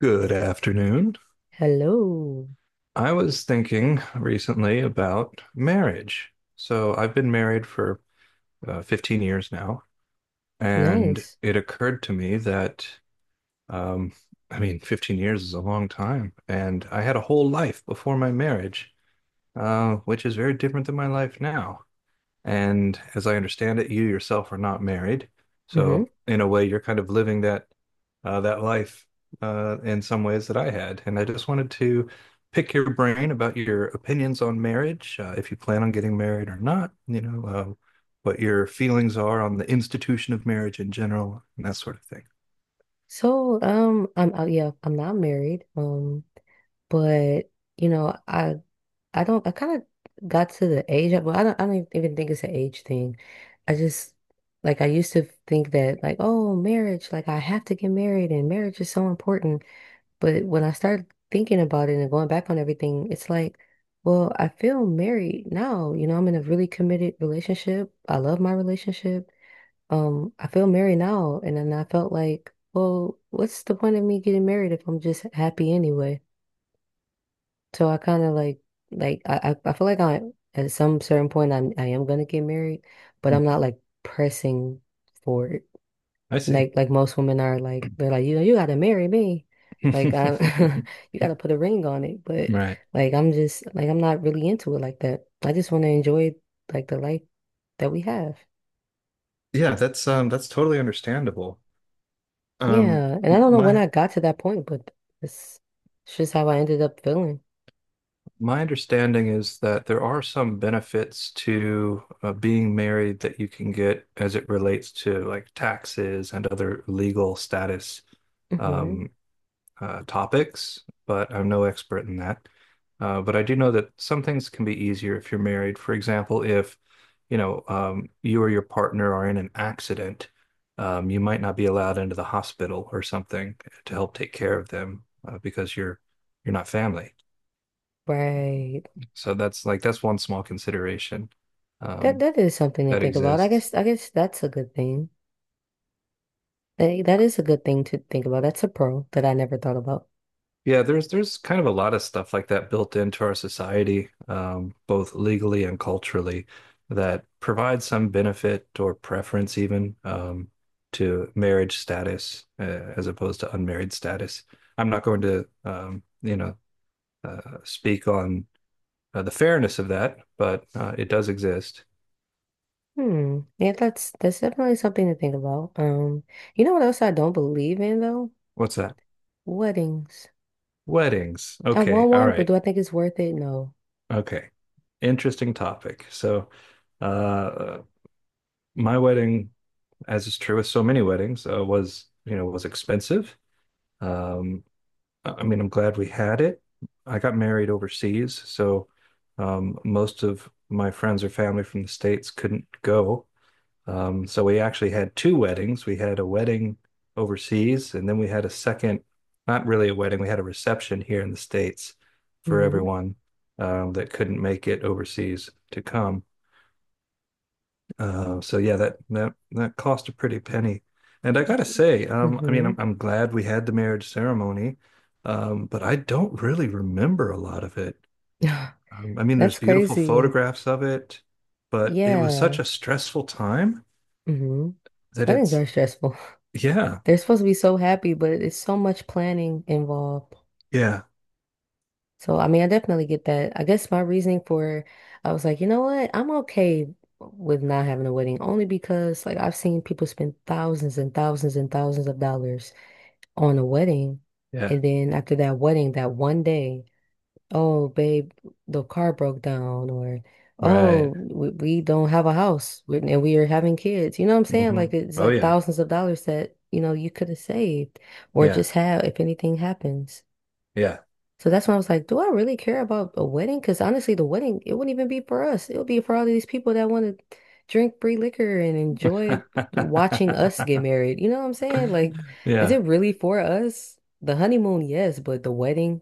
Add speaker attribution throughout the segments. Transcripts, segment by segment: Speaker 1: Good afternoon.
Speaker 2: Hello.
Speaker 1: I was thinking recently about marriage. So I've been married for 15 years now, and
Speaker 2: Nice.
Speaker 1: it occurred to me that, um, I mean, 15 years is a long time, and I had a whole life before my marriage, which is very different than my life now. And as I understand it, you yourself are not married.
Speaker 2: Hmm.
Speaker 1: So in a way, you're kind of living that that life in some ways that I had. And I just wanted to pick your brain about your opinions on marriage, if you plan on getting married or not, what your feelings are on the institution of marriage in general, and that sort of thing.
Speaker 2: So, I'm yeah, I'm not married. But you know, I don't I kind of got to the age. Well, I don't even think it's an age thing. I just like I used to think that like, oh, marriage, like, I have to get married and marriage is so important. But when I started thinking about it and going back on everything, it's like, well, I feel married now. You know, I'm in a really committed relationship. I love my relationship. I feel married now, and then I felt like, well, what's the point of me getting married if I'm just happy anyway? So I kind of like I feel like I at some certain point I am gonna get married, but
Speaker 1: Mm.
Speaker 2: I'm not like pressing for it.
Speaker 1: I see.
Speaker 2: Like most women are like they're like, you know, you gotta marry me, like I you gotta put a ring on it. But
Speaker 1: Right.
Speaker 2: like I'm just like I'm not really into it like that. I just want to enjoy like the life that we have.
Speaker 1: Yeah, that's totally understandable. Um
Speaker 2: Yeah. And I don't know when
Speaker 1: my
Speaker 2: I got to that point, but it's it's just how I ended up feeling.
Speaker 1: My understanding is that there are some benefits to being married that you can get as it relates to like taxes and other legal status
Speaker 2: Hmm.
Speaker 1: um, topics, but I'm no expert in that. But I do know that some things can be easier if you're married. For example, if you or your partner are in an accident, you might not be allowed into the hospital or something to help take care of them because you're not family.
Speaker 2: Right.
Speaker 1: So that's like that's one small consideration
Speaker 2: That
Speaker 1: um,
Speaker 2: that is something to
Speaker 1: that
Speaker 2: think about. I
Speaker 1: exists.
Speaker 2: guess I guess that's a good thing. That is a good thing to think about. That's a pro that I never thought about.
Speaker 1: Yeah, there's kind of a lot of stuff like that built into our society, both legally and culturally, that provides some benefit or preference even to marriage status as opposed to unmarried status. I'm not going to speak on the fairness of that, but it does exist.
Speaker 2: Hmm. Yeah, that's definitely something to think about. You know what else I don't believe in though?
Speaker 1: What's that?
Speaker 2: Weddings.
Speaker 1: Weddings.
Speaker 2: I
Speaker 1: Okay,
Speaker 2: want
Speaker 1: all
Speaker 2: one, but
Speaker 1: right.
Speaker 2: do I think it's worth it? No.
Speaker 1: Okay. Interesting topic. So, uh, my wedding, as is true with so many weddings, was, you know, was expensive. Um, I mean, I'm glad we had it. I got married overseas, so most of my friends or family from the States couldn't go. So we actually had two weddings. We had a wedding overseas, and then we had a second, not really a wedding, we had a reception here in the States for
Speaker 2: Hmm.
Speaker 1: everyone that couldn't make it overseas to come. So yeah, that that cost a pretty penny. And I gotta say, I mean,
Speaker 2: Mm-hmm.
Speaker 1: I'm glad we had the marriage ceremony, but I don't really remember a lot of it. I mean, there's
Speaker 2: That's
Speaker 1: beautiful
Speaker 2: crazy.
Speaker 1: photographs of it, but it was such
Speaker 2: Yeah.
Speaker 1: a stressful time
Speaker 2: Mm-hmm.
Speaker 1: that
Speaker 2: Weddings
Speaker 1: it's
Speaker 2: are stressful.
Speaker 1: yeah,
Speaker 2: They're supposed to be so happy, but it's so much planning involved.
Speaker 1: Yeah.
Speaker 2: So, I mean, I definitely get that. I guess my reasoning for, I was like, you know what? I'm okay with not having a wedding only because like I've seen people spend thousands and thousands and thousands of dollars on a wedding.
Speaker 1: Yeah.
Speaker 2: And then after that wedding, that one day, oh, babe, the car broke down, or
Speaker 1: Right.
Speaker 2: oh, we don't have a house and we are having kids. You know what I'm saying? Like,
Speaker 1: hmm
Speaker 2: it's
Speaker 1: Oh
Speaker 2: like
Speaker 1: yeah.
Speaker 2: thousands of dollars that, you know, you could have saved or
Speaker 1: Yeah.
Speaker 2: just have if anything happens.
Speaker 1: Yeah.
Speaker 2: So that's when I was like, do I really care about a wedding? Because honestly, the wedding, it wouldn't even be for us. It would be for all of these people that want to drink free liquor and enjoy watching us get married. You know what I'm saying? Like, is
Speaker 1: Yeah.
Speaker 2: it really for us? The honeymoon, yes, but the wedding,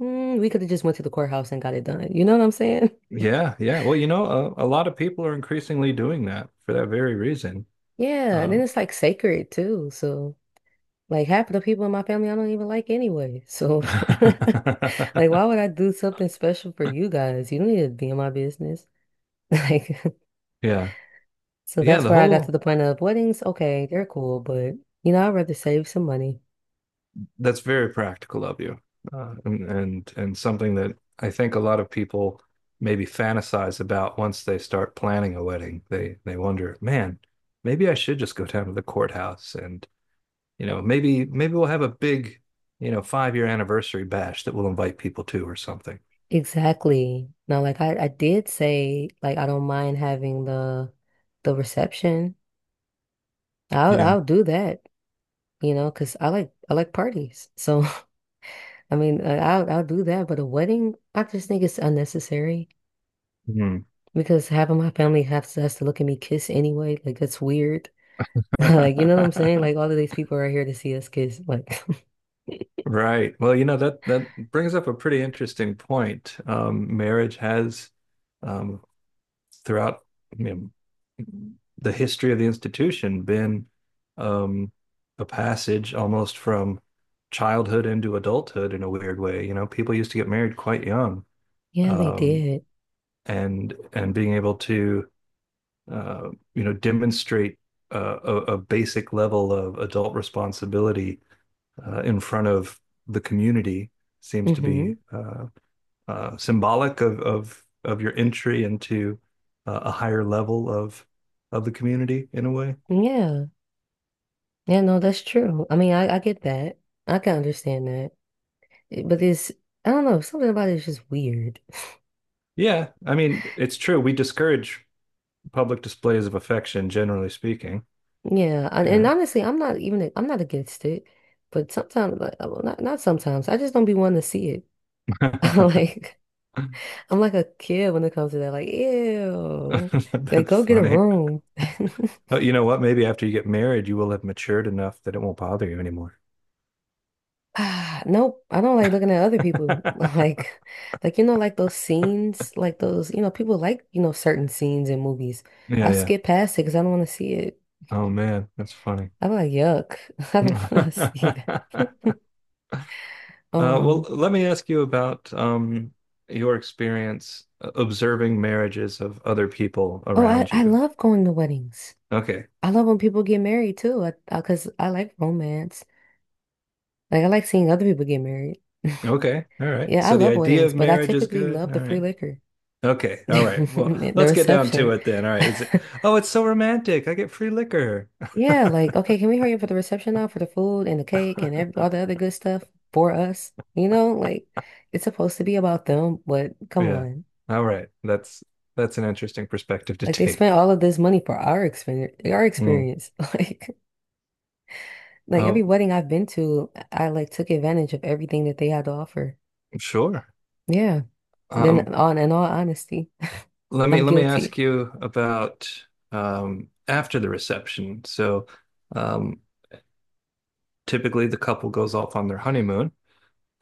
Speaker 2: we could have just went to the courthouse and got it done. You know what I'm saying?
Speaker 1: Yeah. Yeah. Well, you know, a lot of people are increasingly doing that for that very reason.
Speaker 2: Yeah, and then
Speaker 1: Um,
Speaker 2: it's like sacred too. So, like half of the people in my family I don't even like anyway. So, like, why would I do something special for you guys? You don't need to be in my business. Like,
Speaker 1: yeah.
Speaker 2: so
Speaker 1: Yeah.
Speaker 2: that's
Speaker 1: The
Speaker 2: where I got to
Speaker 1: whole
Speaker 2: the point of weddings. Okay, they're cool, but you know, I'd rather save some money.
Speaker 1: that's very practical of you, and something that I think a lot of people maybe fantasize about once they start planning a wedding. They wonder, man, maybe I should just go down to the courthouse and you know, maybe maybe we'll have a big, you know, 5 year anniversary bash that we'll invite people to or something.
Speaker 2: Exactly. Now, like I did say, like I don't mind having the reception. I'll
Speaker 1: Yeah.
Speaker 2: I'll do that, you know, because I like parties. So I mean, I'll do that. But a wedding, I just think it's unnecessary
Speaker 1: Hmm.
Speaker 2: because half of my family has to look at me kiss anyway. Like that's weird. Like, you know what I'm saying? Like all of these people are here to see us kiss. Like
Speaker 1: Right. Well, you know, that that brings up a pretty interesting point. Marriage has um, throughout, you know, the history of the institution been um, a passage almost from childhood into adulthood in a weird way. You know, people used to get married quite young,
Speaker 2: Yeah, they
Speaker 1: um,
Speaker 2: did.
Speaker 1: and being able to you know, demonstrate a basic level of adult responsibility in front of the community seems to
Speaker 2: Hmm.
Speaker 1: be symbolic of your entry into a higher level of the community in a way.
Speaker 2: Yeah. Yeah, no, that's true. I mean, I get that. I can understand that. But it's, I don't know, something about it is just weird.
Speaker 1: Yeah, I mean, it's true. We discourage public displays of affection, generally speaking.
Speaker 2: Yeah, and
Speaker 1: Yeah.
Speaker 2: honestly, I'm not even, I'm not against it. But sometimes, like, well, not not sometimes, I just don't be wanting to see it. Like, I'm like a kid when it comes to that. Like, ew. Like,
Speaker 1: That's
Speaker 2: go get a
Speaker 1: funny.
Speaker 2: room.
Speaker 1: Oh, you know what? Maybe after you get married, you will have matured enough that it won't bother you anymore.
Speaker 2: Ah, nope. I don't like looking at other people. Like you know, like those scenes, like those, you know, people like, you know, certain scenes in movies.
Speaker 1: Yeah,
Speaker 2: I
Speaker 1: yeah.
Speaker 2: skip past it because I don't want to see it.
Speaker 1: Oh man, that's funny.
Speaker 2: I'm like, yuck. I don't want to see that.
Speaker 1: Well,
Speaker 2: Um,
Speaker 1: let me ask you about your experience observing marriages of other people
Speaker 2: oh, I,
Speaker 1: around
Speaker 2: I
Speaker 1: you.
Speaker 2: love going to weddings.
Speaker 1: Okay.
Speaker 2: I love when people get married too. Cause I like romance. Like, I like seeing other people get married.
Speaker 1: Okay. All right.
Speaker 2: Yeah, I
Speaker 1: So the
Speaker 2: love
Speaker 1: idea
Speaker 2: weddings,
Speaker 1: of
Speaker 2: but I
Speaker 1: marriage is
Speaker 2: typically
Speaker 1: good.
Speaker 2: love the
Speaker 1: All
Speaker 2: free
Speaker 1: right.
Speaker 2: liquor.
Speaker 1: Okay. All right. Well,
Speaker 2: The
Speaker 1: let's get down to
Speaker 2: reception.
Speaker 1: it then. All right. Is it, oh, it's so romantic. I get free liquor.
Speaker 2: Yeah, like, okay, can we hurry up for the reception now for the food and the cake and ev all the other good stuff for us? You know, like it's supposed to be about them, but come
Speaker 1: Yeah.
Speaker 2: on.
Speaker 1: All right. That's an interesting perspective to
Speaker 2: Like they spent
Speaker 1: take.
Speaker 2: all of this money for our experience, our
Speaker 1: Mm.
Speaker 2: experience. Like every
Speaker 1: Oh,
Speaker 2: wedding I've been to, I like took advantage of everything that they had to offer.
Speaker 1: sure.
Speaker 2: Yeah. And then
Speaker 1: Um,
Speaker 2: on in all honesty,
Speaker 1: let me
Speaker 2: I'm
Speaker 1: let me ask
Speaker 2: guilty.
Speaker 1: you about after the reception. So, um, typically the couple goes off on their honeymoon.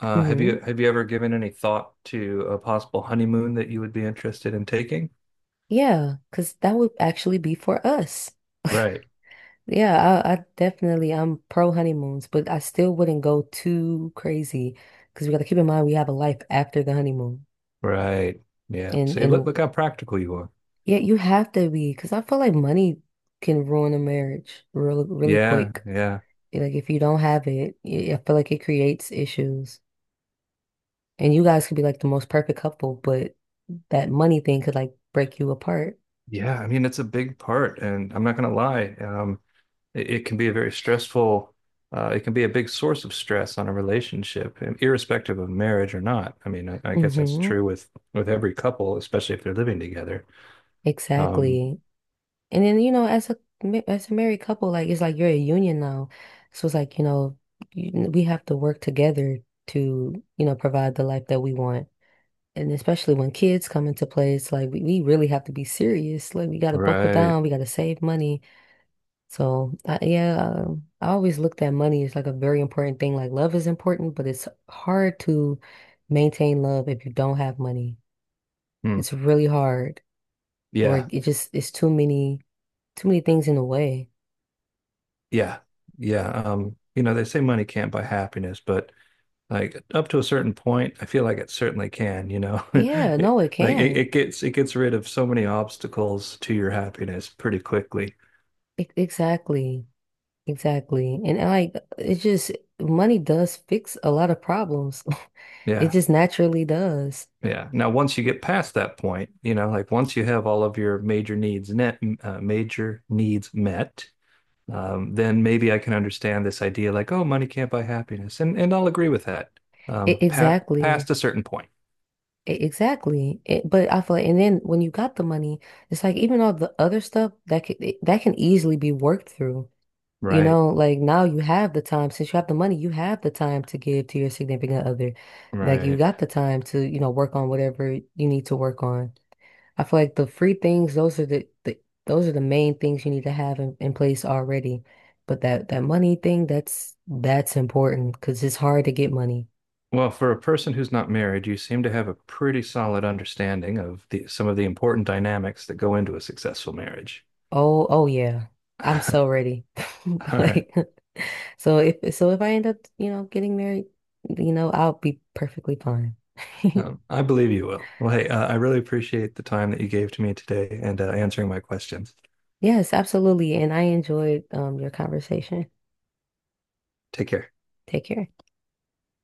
Speaker 1: Have
Speaker 2: Hmm.
Speaker 1: you have you ever given any thought to a possible honeymoon that you would be interested in taking?
Speaker 2: Yeah, because that would actually be for us.
Speaker 1: Right.
Speaker 2: Yeah, I'm pro honeymoons, but I still wouldn't go too crazy because we got to keep in mind we have a life after the honeymoon,
Speaker 1: Right. Yeah.
Speaker 2: and
Speaker 1: See,
Speaker 2: and
Speaker 1: look look how practical you are.
Speaker 2: yeah, you have to be because I feel like money can ruin a marriage really
Speaker 1: Yeah.
Speaker 2: quick.
Speaker 1: Yeah.
Speaker 2: Like, if you don't have it, I feel like it creates issues, and you guys could be like the most perfect couple, but that money thing could like break you apart.
Speaker 1: Yeah. I mean, it's a big part, and I'm not gonna lie. It, it can be a very stressful, it can be a big source of stress on a relationship, irrespective of marriage or not. I mean, I guess that's
Speaker 2: Mm-hmm.
Speaker 1: true with every couple, especially if they're living together. Um,
Speaker 2: Exactly. And then, you know, as as a married couple, like it's like you're a union now. So it's like, you know, we have to work together to, you know, provide the life that we want. And especially when kids come into play, it's like we really have to be serious. Like, we gotta buckle
Speaker 1: right.
Speaker 2: down, we gotta save money. So yeah, I always looked at money as like a very important thing. Like love is important, but it's hard to maintain love if you don't have money.
Speaker 1: Hmm.
Speaker 2: It's really hard, or
Speaker 1: Yeah.
Speaker 2: it's too many things in the way.
Speaker 1: Yeah. Yeah. You know, they say money can't buy happiness, but like up to a certain point, I feel like it certainly can, you know.
Speaker 2: Yeah,
Speaker 1: It,
Speaker 2: no, it
Speaker 1: like it,
Speaker 2: can.
Speaker 1: it gets rid of so many obstacles to your happiness pretty quickly.
Speaker 2: Exactly. Exactly. And like it's just money does fix a lot of problems. It
Speaker 1: Yeah.
Speaker 2: just naturally does.
Speaker 1: Yeah. Now, once you get past that point, you know, like once you have all of your major needs net, major needs met, then maybe I can understand this idea like, oh, money can't buy happiness. And I'll agree with that.
Speaker 2: E-
Speaker 1: Pa
Speaker 2: exactly.
Speaker 1: Past a certain point.
Speaker 2: Exactly. But I feel like, and then when you got the money, it's like even all the other stuff that can easily be worked through. You
Speaker 1: Right.
Speaker 2: know, like now you have the time, since you have the money, you have the time to give to your significant other. Like, you
Speaker 1: Right.
Speaker 2: got the time to, you know, work on whatever you need to work on. I feel like the free things, those are the main things you need to have in place already. But that money thing, that's important because it's hard to get money.
Speaker 1: Well, for a person who's not married, you seem to have a pretty solid understanding of the some of the important dynamics that go into a successful marriage.
Speaker 2: Oh, yeah. I'm
Speaker 1: All
Speaker 2: so ready.
Speaker 1: right.
Speaker 2: Like so if I end up, you know, getting married, you know, I'll be perfectly fine.
Speaker 1: I believe you will. Well, hey, I really appreciate the time that you gave to me today and answering my questions.
Speaker 2: Yes, absolutely. And I enjoyed your conversation.
Speaker 1: Take care.
Speaker 2: Take care.